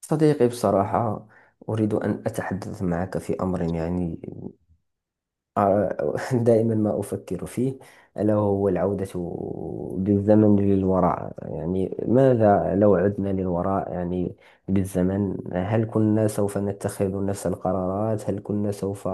صديقي بصراحة، أريد أن أتحدث معك في أمر يعني دائما ما أفكر فيه، ألا وهو العودة بالزمن للوراء. يعني ماذا لو عدنا للوراء يعني بالزمن، هل كنا سوف نتخذ نفس القرارات؟ هل كنا سوف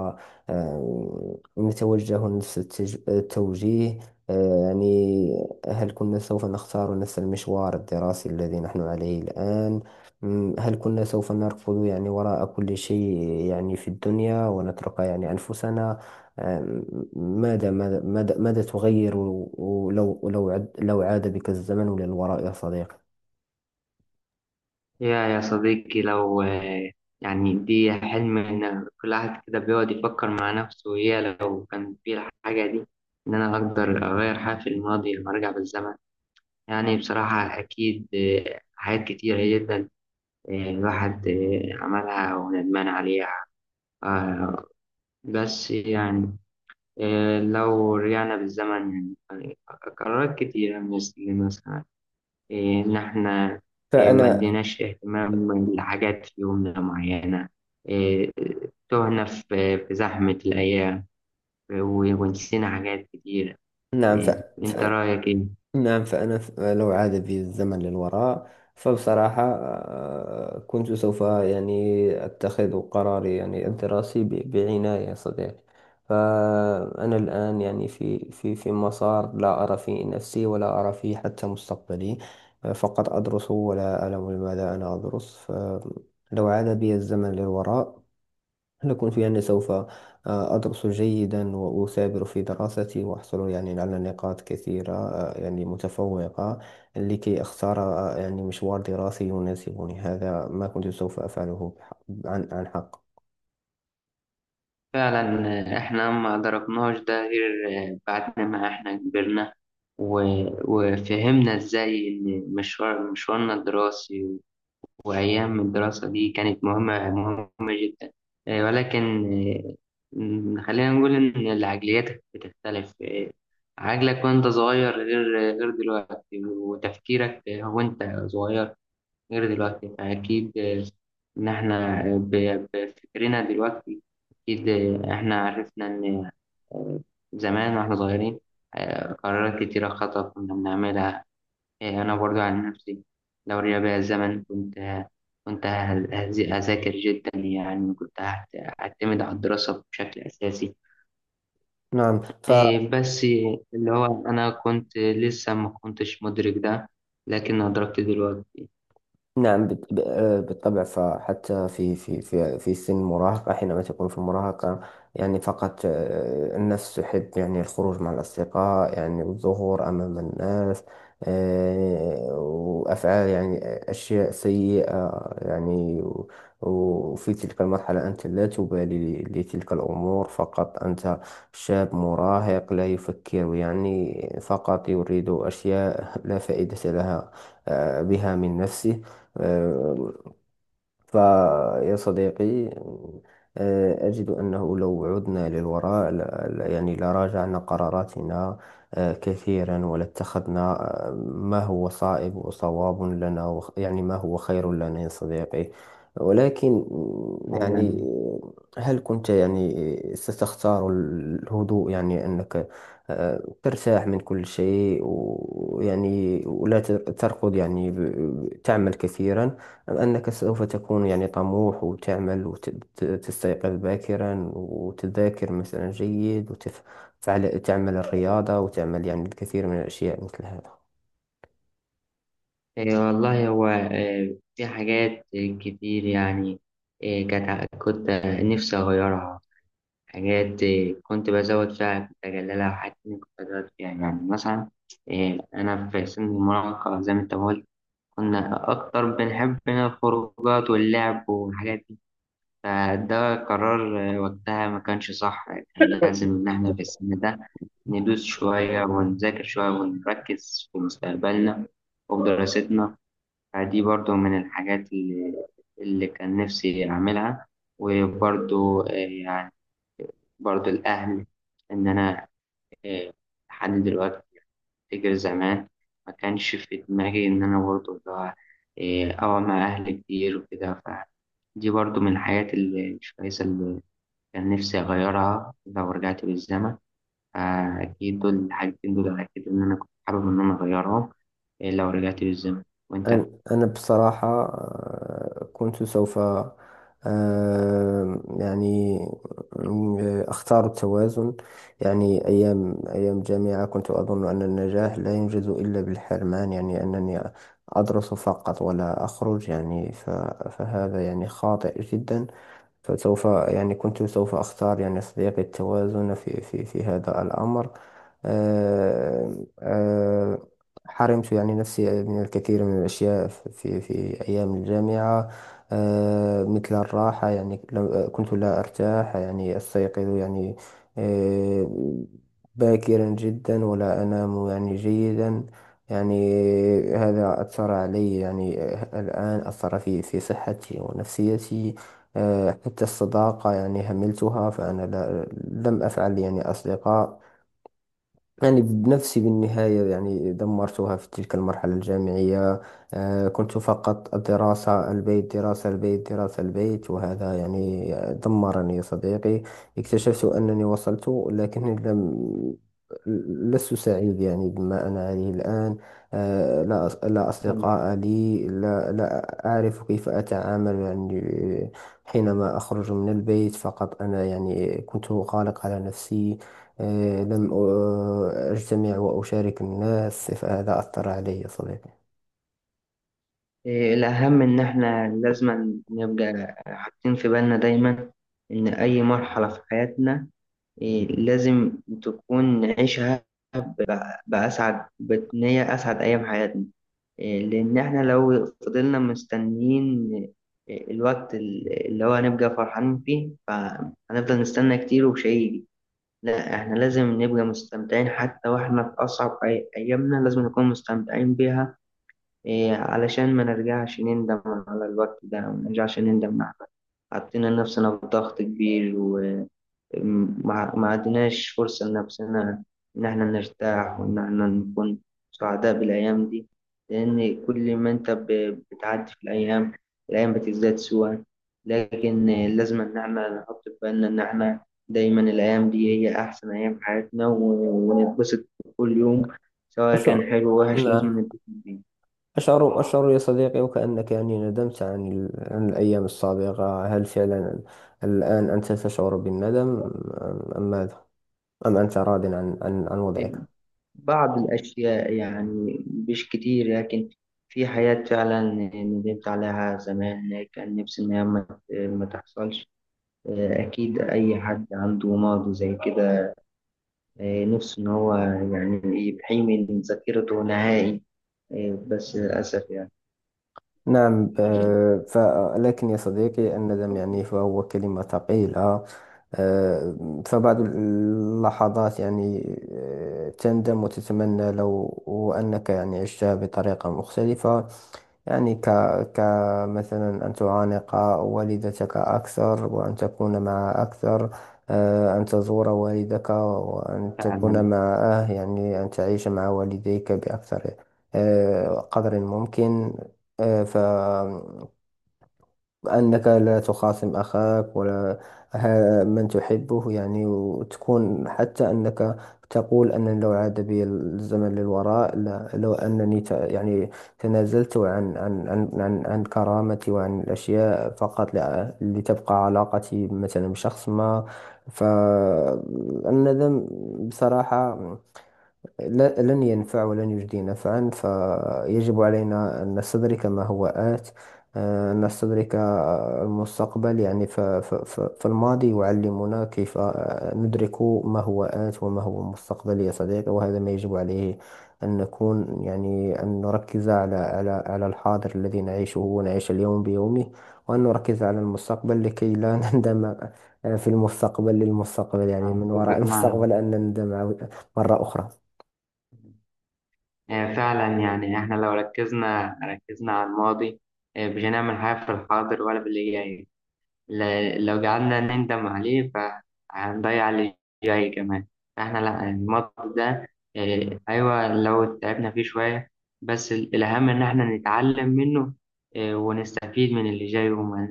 نتوجه نفس التوجيه؟ يعني هل كنا سوف نختار نفس المشوار الدراسي الذي نحن عليه الآن؟ هل كنا سوف نركض يعني وراء كل شيء يعني في الدنيا، ونترك يعني أنفسنا؟ آه، ماذا تغير؟ ولو لو لو عاد بك الزمن للوراء يا صديقي؟ يا صديقي، لو يعني دي حلم، إن كل واحد كده بيقعد يفكر مع نفسه، يا لو كان في الحاجة دي، إن أنا أقدر أغير حاجة في الماضي لما أرجع بالزمن. يعني بصراحة أكيد حاجات كتيرة جدا الواحد عملها وندمان عليها. آه، بس يعني لو رجعنا بالزمن، يعني قرارات كتيرة مثلا إيه، إن إحنا ما فأنا، اديناش اهتمام لحاجات في يومنا معينة. إيه، تهنا في زحمة الأيام ونسينا حاجات كتيرة. نعم. إيه، أنت ف... رأيك إيه؟ نعم، فأنا لو عاد بي الزمن للوراء فبصراحة كنت سوف يعني أتخذ قراري يعني الدراسي بعناية يا صديقي. فأنا الآن يعني في مسار لا أرى فيه نفسي، ولا أرى فيه حتى مستقبلي. فقط أدرس ولا أعلم لماذا أنا أدرس. فلو عاد بي الزمن للوراء نكون في أني سوف أدرس جيدا وأثابر في دراستي، وأحصل يعني على نقاط كثيرة يعني متفوقة، لكي أختار يعني مشوار دراسي يناسبني. هذا ما كنت سوف أفعله عن حق. فعلا. إحنا ما أدركناش ده غير بعد ما إحنا كبرنا و- وفهمنا إزاي إن مشوارنا الدراسي، وأيام الدراسة دي كانت مهمة مهمة جدا. ولكن آه، خلينا نقول إن العقليات بتختلف. عقلك وأنت صغير غير دلوقتي، وتفكيرك وأنت صغير غير دلوقتي. فأكيد إن إحنا بفكرنا دلوقتي أكيد، إحنا عرفنا إن آه، زمان واحنا صغيرين قرارات كتيرة خطأ كنا بنعملها. أنا برضو عن نفسي لو رجع بيا الزمن كنت هذاكر جدا، يعني كنت هعتمد على الدراسة بشكل أساسي. نعم، ف. بس اللي هو أنا كنت لسه ما كنتش مدرك ده، لكن أدركت دلوقتي. نعم، بالطبع. فحتى في سن المراهقة، حينما تكون في المراهقة يعني فقط النفس تحب يعني الخروج مع الأصدقاء يعني والظهور أمام الناس، وأفعال يعني أشياء سيئة يعني وفي تلك المرحلة أنت لا تبالي لتلك الأمور. فقط أنت شاب مراهق لا يفكر يعني، فقط يريد أشياء لا فائدة لها بها من نفسه. آه، فيا صديقي، أجد أنه لو عدنا للوراء يعني لراجعنا قراراتنا كثيرا، ولاتخذنا ما هو صائب وصواب لنا، يعني ما هو خير لنا يا صديقي. ولكن يعني فعلا. هل كنت يعني ستختار الهدوء، يعني أنك ترتاح من كل شيء ويعني ولا تركض يعني تعمل كثيرا؟ أم أنك سوف تكون يعني طموح، وتعمل، وتستيقظ باكرا، وتذاكر مثلا جيد، وتفعل تعمل الرياضة، وتعمل يعني الكثير من الأشياء مثل هذا؟ والله هو في حاجات كتير يعني كانت كنت نفسي أغيرها. حاجات كنت بزود فيها كنت أجللها، وحاجات تانية كنت أزود فيها، يعني مثلا أنا في سن المراهقة زي ما أنت قلت، كنا أكتر بنحب هنا الخروجات واللعب والحاجات دي. فده قرار وقتها ما كانش صح، كان لازم إن إحنا في السن ده ندوس شوية ونذاكر شوية ونركز في مستقبلنا وفي دراستنا. فدي برضو من الحاجات اللي كان نفسي أعملها. وبرضو يعني برضو الأهل، إن أنا آه، لحد دلوقتي أفتكر زمان ما كانش في دماغي إن أنا برضو اللي هو أقعد مع أهلي كتير وكده. فدي برضو من الحاجات اللي مش كويسة، اللي كان نفسي أغيرها لو رجعت بالزمن. فأكيد دول الحاجتين دول أكيد إن أنا كنت حابب إن أنا أغيرهم لو رجعت بالزمن. وأنت؟ أن- أنا بصراحة كنت سوف يعني أختار التوازن. يعني أيام جامعة كنت أظن أن النجاح لا ينجز إلا بالحرمان، يعني أنني أدرس فقط ولا أخرج يعني فهذا يعني خاطئ جدا. فسوف يعني كنت سوف أختار يعني صديقي التوازن في هذا الأمر. آه، آه، حرمت يعني نفسي من الكثير من الأشياء في أيام الجامعة، مثل الراحة. يعني كنت لا أرتاح يعني، أستيقظ يعني آه، باكرا جدا، ولا أنام يعني جيدا يعني. هذا أثر علي يعني الآن، أثر في صحتي ونفسيتي. حتى الصداقة يعني هملتها، فأنا لا لم أفعل يعني أصدقاء يعني بنفسي. بالنهاية يعني دمرتها في تلك المرحلة الجامعية. كنت فقط الدراسة البيت، دراسة البيت، دراسة البيت، وهذا يعني دمرني يا صديقي. اكتشفت أنني وصلت، لكني لم لست سعيد يعني بما أنا عليه الآن. لا لا مم. أصدقاء لي، لا أعرف كيف أتعامل يعني حينما أخرج من البيت. فقط أنا يعني كنت غالق على نفسي، لم أجتمع وأشارك الناس، فهذا أثر علي يا صديقي. الأهم إن إحنا لازم نبقى حاطين في بالنا دايما إن أي مرحلة في حياتنا لازم تكون نعيشها بأسعد، بإن هي أسعد أيام حياتنا. لأن إحنا لو فضلنا مستنيين الوقت اللي هو هنبقى فرحانين فيه، فهنفضل نستنى كتير ومش هيجي. لا، إحنا لازم نبقى مستمتعين حتى وإحنا في أصعب أيامنا، لازم نكون مستمتعين بيها. علشان ما نرجعش نندم على الوقت ده، وما نرجعش نندم على حطينا نفسنا في ضغط كبير، ما عدناش فرصة لنفسنا إن إحنا نرتاح، وإن إحنا نكون سعداء بالأيام دي. لأن كل ما أنت بتعدي في الأيام، الأيام بتزداد سوءا. لكن لازم إن إحنا نحط في بالنا إن إحنا دايما الأيام دي هي أحسن أيام في حياتنا، ونتبسط كل يوم. سواء أشعر، كان حلو أو وحش لازم نعم، نتبسط بيه. أشعر يا صديقي وكأنك يعني ندمت عن عن الأيام السابقة. هل فعلا الآن أنت تشعر بالندم؟ أم ماذا؟ أم أنت راض عن عن وضعك؟ بعض الأشياء يعني مش كتير، لكن في حاجات فعلا ندمت عليها زمان، كان نفسي إن هي ما تحصلش. أكيد أي حد عنده ماضي زي كده نفسه إن هو يعني يحيي من ذاكرته نهائي، بس للأسف يعني. نعم، آه، ف لكن يا صديقي الندم يعني فهو كلمة ثقيلة. آه، فبعض اللحظات يعني تندم وتتمنى لو أنك يعني عشتها بطريقة مختلفة. يعني كمثلا أن تعانق والدتك أكثر، وأن تكون معها أكثر، أن تزور والدك وأن تكون فعلا. معه، يعني أن تعيش مع والديك بأكثر قدر ممكن. آه، فأنك لا تخاصم أخاك، ولا من تحبه يعني، وتكون حتى أنك تقول أن لو عاد بي الزمن للوراء، لا لو أنني يعني تنازلت عن عن كرامتي وعن الأشياء، فقط لتبقى علاقتي مثلا بشخص ما. فالندم بصراحة لن ينفع ولن يجدي نفعا. فيجب علينا أن نستدرك ما هو آت، أن نستدرك المستقبل. يعني فالماضي يعلمنا كيف ندرك ما هو آت وما هو المستقبل يا صديقي. وهذا ما يجب عليه أن نكون يعني، أن نركز على الحاضر الذي نعيشه، ونعيش اليوم بيومه، وأن نركز على المستقبل لكي لا نندم في المستقبل، للمستقبل، يعني من وراء أتفق معك. المستقبل أن نندم مرة أخرى. فعلا، يعني إحنا لو ركزنا على الماضي، مش هنعمل حاجة في الحاضر ولا في اللي جاي. لو قعدنا نندم عليه فهنضيع اللي جاي كمان. احنا لا، الماتش ده ايوه لو تعبنا فيه شوية، بس الأهم إن احنا نتعلم منه. ونستفيد من اللي جاي، وما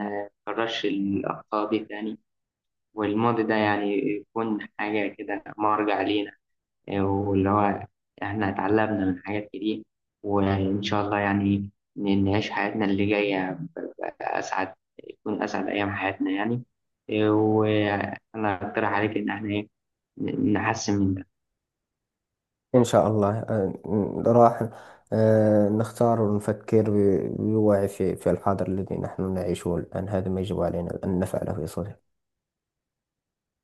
نكررش الأخطاء دي تاني. والماضي ده يعني يكون حاجة كده مرجع لينا، واللي هو احنا اتعلمنا من حاجات كتير. وان شاء الله يعني نعيش حياتنا اللي جايه اسعد، تكون اسعد ايام حياتنا يعني. وانا اقترح عليك ان احنا نحسن من ده إن شاء الله راح نختار ونفكر بوعي في الحاضر الذي نحن نعيشه الآن. هذا ما يجب علينا أن نفعله يا صديقي.